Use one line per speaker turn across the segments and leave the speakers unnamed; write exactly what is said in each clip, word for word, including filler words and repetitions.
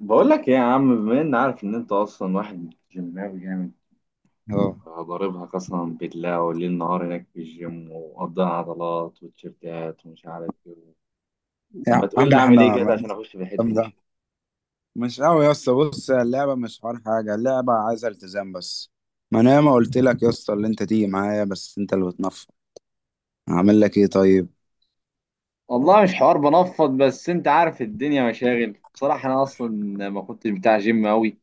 بقول لك ايه يا عم؟ بما ان عارف ان انت اصلا واحد جيماوي جامد،
اه
ضاربها قسما بالله والليل نهار هناك في الجيم ومقضيها عضلات وتيشيرتات ومش عارف ايه. طب
يا
ما تقول لي
عم
اعمل
احنا
ايه كده
مالناش
عشان
في
اخش في الحته
الكلام
دي؟
ده. مش قوي يا اسطى، بص اللعبه مش حوار حاجه، اللعبه عايزه التزام بس. ما انا ما قلت لك يا اسطى اللي انت تيجي معايا، بس انت اللي بتنفض، هعمل لك ايه طيب؟
والله مش حوار بنفض، بس انت عارف الدنيا مشاغل. بصراحة انا اصلا ما كنتش بتاع جيم قوي،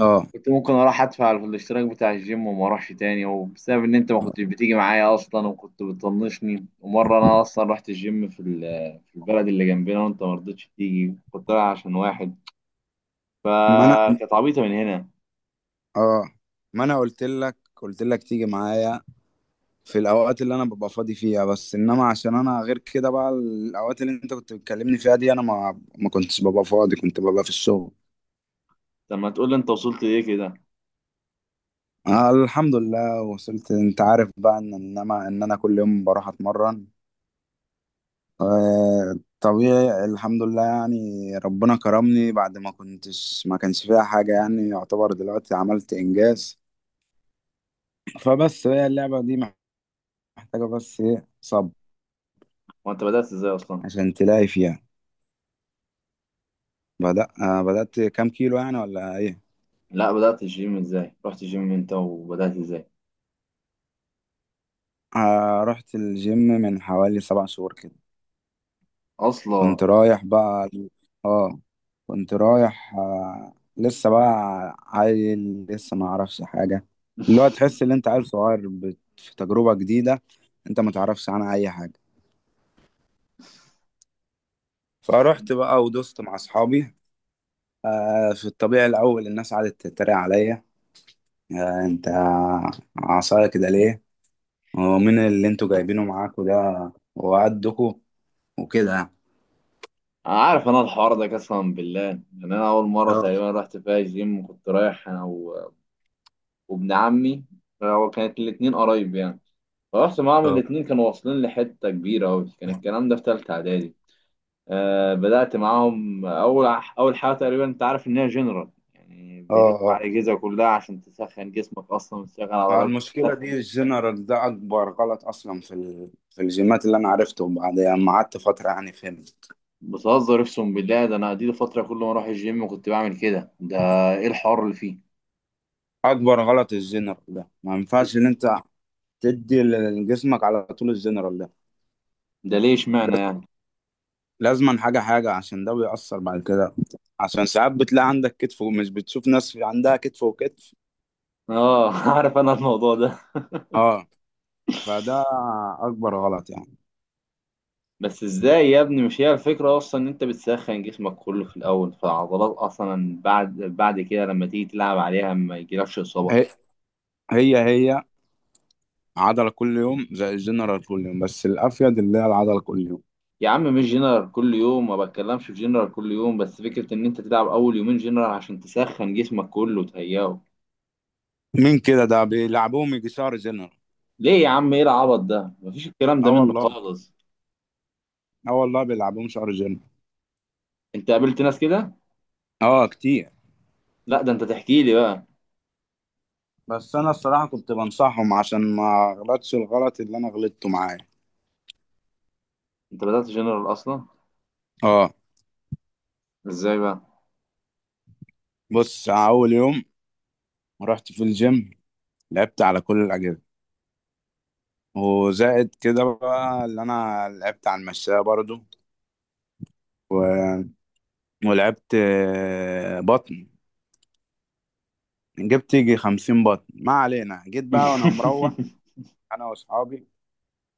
اه
كنت ممكن اروح ادفع على الاشتراك بتاع الجيم وما اروحش تاني، وبسبب ان انت ما كنتش بتيجي معايا اصلا وكنت بتطنشني. ومره انا اصلا رحت الجيم في ال- في البلد اللي جنبنا وانت ما رضيتش تيجي، كنت رايح عشان واحد،
ما انا
فكانت عبيطه من هنا.
اه ما انا قلت لك قلت لك تيجي معايا في الاوقات اللي انا ببقى فاضي فيها، بس انما عشان انا غير كده بقى، الاوقات اللي انت كنت بتكلمني فيها دي انا ما ما كنتش ببقى فاضي، كنت ببقى في الشغل.
طب ما تقول لي انت وصلت ليه كده؟
آه الحمد لله وصلت. انت عارف بقى ان انما ان انا كل يوم بروح اتمرن. آه، طبيعي الحمد لله يعني، ربنا كرمني بعد ما كنتش، ما كانش فيها حاجة يعني، يعتبر دلوقتي عملت إنجاز. فبس هي اللعبة دي محتاجة بس إيه؟ صبر
وانت بدات ازاي اصلا؟
عشان تلاقي فيها. بدأ آه، بدأت كام كيلو يعني ولا إيه؟
لا، بدات الجيم ازاي؟ رحت الجيم انت وبدات ازاي
آه، رحت الجيم من حوالي سبع شهور كده.
اصلا؟
كنت رايح بقى، اه كنت رايح، آه لسه بقى عيل، لسه ما اعرفش حاجه. اللي هو تحس ان انت عيل صغير بت- في تجربه جديده انت ما تعرفش عنها اي حاجه. فروحت بقى ودوست مع اصحابي. آه في الطبيعي الاول الناس قعدت تتريق عليا. آه انت عصايه كده ليه؟ ومين اللي انتوا جايبينه معاكوا ده وقدكوا؟ وكده يعني.
انا عارف انا الحوار ده، قسما بالله. يعني انا اول مره
اه
تقريبا رحت فيها الجيم كنت رايح انا وابن عمي، هو كانت الاتنين قرايب يعني. فرحت معاهم،
اه
الاتنين كانوا واصلين لحتة كبيرة أوي. كان الكلام ده في تالتة إعدادي. آه، بدأت معاهم أول أول حاجة تقريبا. أنت عارف إن هي جنرال، يعني بيلف
اه
على الأجهزة كلها عشان تسخن جسمك أصلا وتشغل
آه،
عضلات،
المشكلة دي
تسخن.
الجنرال ده أكبر غلط أصلا في ال... في الجيمات اللي أنا عرفته بعد ما قعدت فترة يعني فهمت.
بتهزر أقسم بالله، ده أنا دي فترة كل ما أروح الجيم كنت بعمل كده. ده إيه الحوار اللي فيه؟
أكبر غلط الجنرال ده، ما
ده,
ينفعش إن أنت تدي لجسمك على طول الجنرال ده.
ده ليه إشمعنى
لاز-
يعني؟
لازما حاجة حاجة، عشان ده بيأثر بعد كده. عشان ساعات بتلاقي عندك كتف، ومش بتشوف ناس عندها كتف وكتف.
آه عارف أنا الموضوع ده.
اه فده أكبر غلط يعني.
بس ازاي يا ابني؟ مش هي الفكرة اصلا ان انت بتسخن جسمك كله في الاول، فالعضلات اصلا بعد بعد كده لما تيجي تلعب عليها ما يجيلكش اصابة؟
هي هي, هي عضلة كل يوم زي الجنرال كل يوم، بس الأفيد اللي هي العضلة كل يوم.
يا عم، مش جنرال كل يوم، ما بتكلمش في جنرال كل يوم، بس فكرة ان انت تلعب اول يومين جنرال عشان تسخن جسمك كله وتهيئه.
مين كده ده بيلعبوهم يجي شهر جنرال؟
ليه يا عم؟ ايه العبط ده؟ مفيش الكلام ده
اه
منه
والله،
خالص.
اه والله بيلعبوهم شهر جيم.
انت قابلت ناس كده؟
اه كتير.
لا ده انت تحكي لي بقى.
بس انا الصراحه كنت بنصحهم عشان ما اغلطش الغلط اللي انا غلطته معاه.
انت بدأت جنرال اصلا؟
اه.
ازاي بقى؟
بص، اول يوم رحت في الجيم لعبت على كل الاجهزه، وزائد كده بقى اللي انا لعبت على المشاية برضو و... ولعبت آه، بطن، جبت يجي خمسين بطن. ما علينا، جيت بقى وانا مروح انا واصحابي،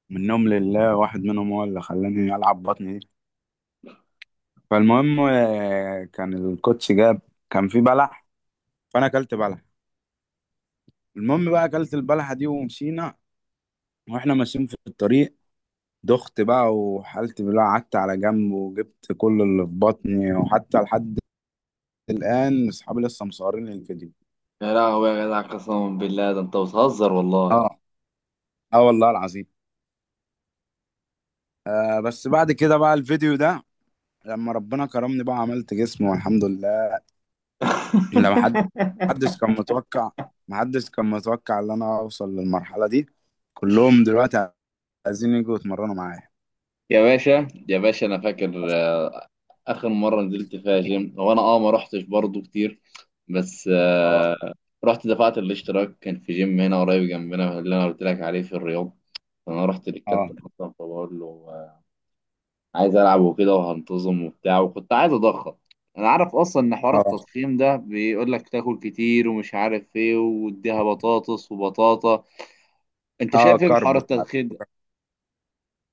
منهم لله، واحد منهم هو اللي خلاني العب بطن. فالمهم آه، كان الكوتش جاب، كان في بلح، فانا اكلت بلح. المهم بقى اكلت البلحه دي ومشينا، واحنا ماشيين في الطريق دخت بقى وحالتي بالله، قعدت على جنب وجبت كل اللي في بطني، وحتى لحد الان اصحابي لسه مصورين لي الفيديو.
يا لهوي يا جدع، قسما بالله ده انت بتهزر والله.
اه، اه والله العظيم. آه بس بعد كده بقى الفيديو ده، لما ربنا كرمني بقى عملت جسم والحمد لله. لما حد، محدش كان متوقع، محدش كان متوقع ان انا اوصل للمرحله دي. كلهم دلوقتي عايزين يجوا يتمرنوا معايا.
يا باشا يا باشا، انا فاكر آه، اخر مره نزلت فيها جيم. هو انا اه ما رحتش برضه كتير، بس
اه
آه، رحت دفعت الاشتراك. كان في جيم هنا قريب جنبنا اللي انا قلت لك عليه في الرياض. فانا رحت
اه
للكابتن اصلا فبقول له: آه، عايز العب وكده وهنتظم وبتاع، وكنت عايز اضخم. انا عارف اصلا ان حوار
اه
التضخيم ده بيقول لك تاكل كتير ومش عارف ايه واديها بطاطس وبطاطا. انت
اه
شايف ايه
كرب،
بحوار التضخيم ده؟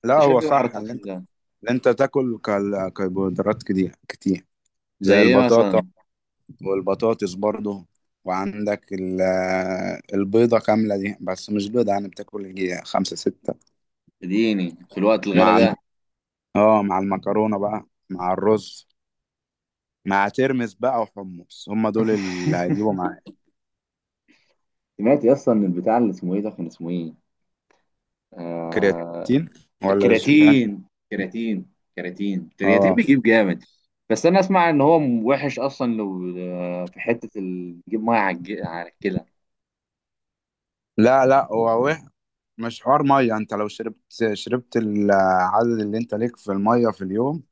لا
انت
هو
شايف ايه بحوار
صح ان
التضخيم
انت،
ده؟
ان انت تاكل كال- كربوهيدرات كتير كتير.
زي
زي
ايه
البطاطا
مثلا؟
والبطاطس برضه. وعندك ال- البيضة كاملة دي، بس مش بيضة يعني، بتاكل يجي خمسة ستة
اديني في الوقت الغلا
مع
ده.
الم- اه مع المكرونة بقى، مع الرز، مع ترمس بقى وحمص، هم دول اللي هيجيبوا معايا.
سمعت يا اسطى ان البتاع اللي اسمه ايه ده، كان اسمه ايه؟ آه...
كرياتين ولا الشوفان؟
الكرياتين. كرياتين، كرياتين، الكرياتين
اه.
بيجيب جامد. بس انا اسمع ان هو وحش اصلا، لو آه، في حته ال- بيجيب ميه على الج- على الكلى.
لا لا، هو مش حوار ميه. انت لو شربت، شربت العدد اللي انت ليك في الميه في اليوم،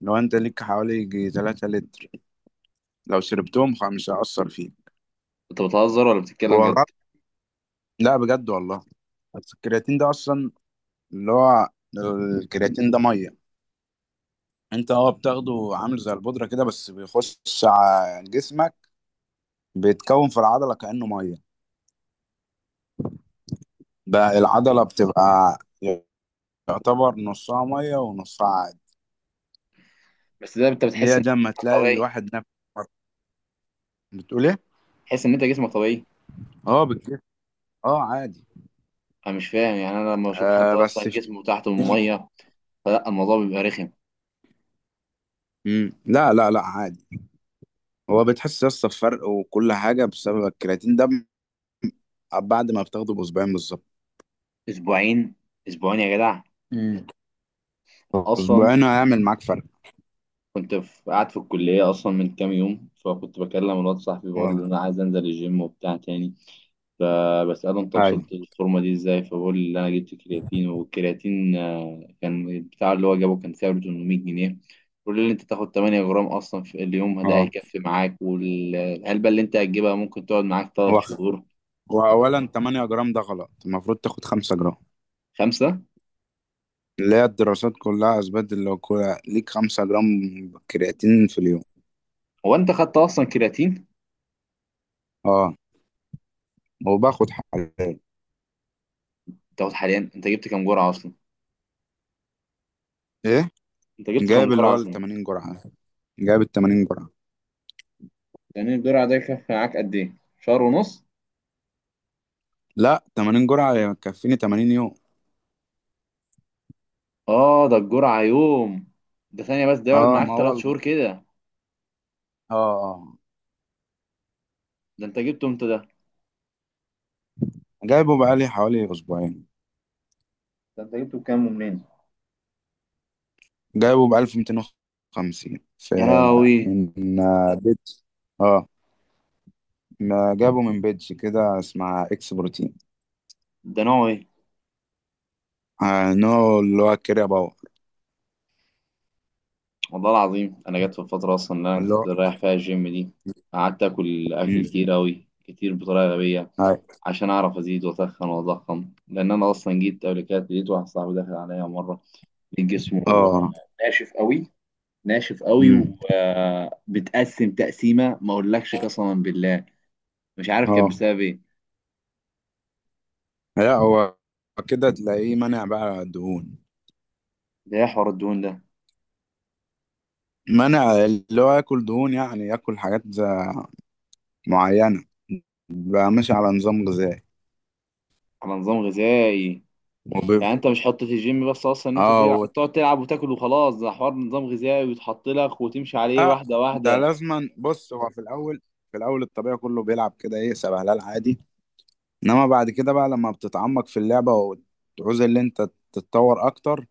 لو انت ليك حوالي يجي تلات لتر، لو شربتهم خ- مش هيأثر فيك.
انت بتهزر ولا بتتكلم
هو
جد؟
غلط؟ لا بجد والله. بس الكرياتين ده اصلا اللي هو، الكرياتين ده ميه، انت اه بتاخده عامل زي البودره كده، بس بيخش على جسمك بيتكون في العضله كأنه ميه. بقى العضله بتبقى يعتبر نصها ميه ونصها عادي.
بس ده انت بتحس
هي
ان هو
ده لما
جسمك
تلاقي
طبيعي؟
الواحد نفسه، بتقول ايه؟
تحس ان انت جسمك طبيعي؟
اه، اه عادي.
انا مش فاهم يعني. انا لما اشوف حد
آه بس
اصلا
في
جسمه تحته من الميه، فلا، الموضوع بيبقى رخم.
مم. لا لا لا عادي. هو بتحس يا اسطى بفرق وكل حاجه بسبب الكرياتين ده، بعد ما بتاخده باسبوعين بالظبط.
اسبوعين؟ اسبوعين يا جدع
امم
اصلا؟
اسبوعين هيعمل معاك فرق.
كنت في قاعد في الكلية أصلا من كام يوم، فكنت بكلم الواد صاحبي بقول
اه.
له: أنا عايز أنزل الجيم وبتاع تاني. فبسأله: أنت
ايوه.
وصلت للفورمة دي إزاي؟ فبقول لي إن أنا جبت كرياتين. والكرياتين آه، كان البتاع اللي هو جابه كان سعره ثمنميه جنيه. بيقول لي: أنت تاخد ثمانية جرام أصلا في اليوم، ده
اه
هيكفي معاك، والعلبة اللي أنت هتجيبها ممكن تقعد معاك ثلاثة
هو
شهور.
واولا تمنية جرام ده غلط، المفروض تاخد خمسة جرام،
خمسة.
اللي هي الدراسات كلها اثبتت اللي هو كل- ليك خمسة جرام كرياتين في اليوم.
هو أنت خدت أصلا كرياتين؟
اه، وباخد حاليا.
تاخد حاليا؟ أنت جبت كام جرعة أصلا؟
ايه؟
أنت جبت كام
جايب اللي
جرعة
هو ال
أصلا؟
تمانين جرعه، جايب ال تمانين جرعه.
يعني الجرعة ده يكفي معاك قد إيه؟ شهر ونص؟
لا تمانين جرعه يكفيني تمانين يوم.
اه ده الجرعة يوم. ده ثانية بس، ده يقعد
اه
معاك
ما هو
تلات
ال-
شهور كده.
اه آه.
ده انت جبته امتى ده؟
جايبه بقالي حوالي اسبوعين.
ده انت جبته بكام ومنين؟
جايبه ب الف ومتين وخمسين، في
يا لهوي.
من آه، بيج. اه، ما جابه من بيج كده اسمها اكس بروتين.
ده نوعه ايه؟
آه نوع اللي هو الكريا باور.
والله العظيم انا جت في الفترة اصلا اللي انا
اللي
كنت
هو
رايح فيها الجيم دي، قعدت اكل اكل
مم.
كتير اوي كتير بطريقة غبية،
آه.
عشان اعرف ازيد واتخن واضخم. لان انا اصلا جيت قبل كده لقيت واحد صاحبي داخل عليا مرة، لقيت جسمه
اه
ناشف قوي، ناشف قوي،
مم.
وبتقسم تقسيمة ما اقولكش قسما بالله. مش عارف كانت
اه
بسبب ايه.
لا، هو كده تلاقيه منع بقى دهون،
ده ايه حوار الدهون ده؟
منع اللي هو ياكل دهون، يعني ياكل حاجات آه، معينة، بقى ماشي على نظام غذائي
على نظام غذائي؟
وب...
يعني انت مش حطة الجيم بس اصلا ان انت تلع-
اه
تقعد تلعب وتاكل وخلاص، ده حوار نظام غذائي ويتحط لك وتمشي عليه
لا،
واحده
ده
واحده.
لازما. بص هو في الاول، في الاول الطبيعي كله بيلعب كده ايه سبهلال عادي، انما بعد كده بقى لما بتتعمق في اللعبه وتعوز اللي انت تتطور اكتر،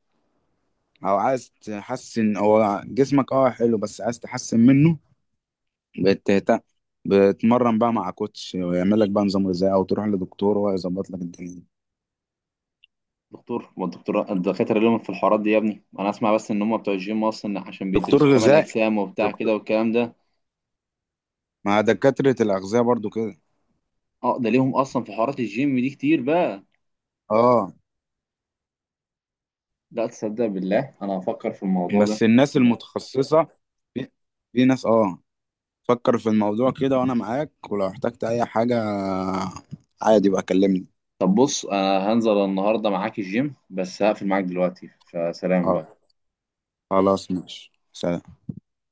او عايز تحسن هو جسمك اه حلو بس عايز تحسن منه، بتهتم، بتمرن بقى مع كوتش ويعمل لك بقى نظام غذائي، او تروح لدكتور هو يظبط لك الدنيا دي.
دكتور؟ ما الدكتور الدكاتره لهم في الحوارات دي يا ابني؟ انا اسمع بس ان هم بتوع الجيم اصلا عشان
دكتور
بيدرسوا كمال
غذائي،
اجسام وبتاع
دكتور،
كده والكلام ده.
مع دكاتره الاغذيه برضو كده.
اه، ده ليهم اصلا في حوارات الجيم دي كتير بقى؟
اه.
لا تصدق بالله انا هفكر في الموضوع ده.
بس الناس المتخصصه في، في ناس اه. فكر في الموضوع كده وانا معاك، ولو احتجت اي حاجة عادي بقى كلمني.
طب بص، انا هنزل النهارده معاك الجيم، بس هقفل معاك دلوقتي فسلام بقى.
آه، خلاص ماشي، سلام.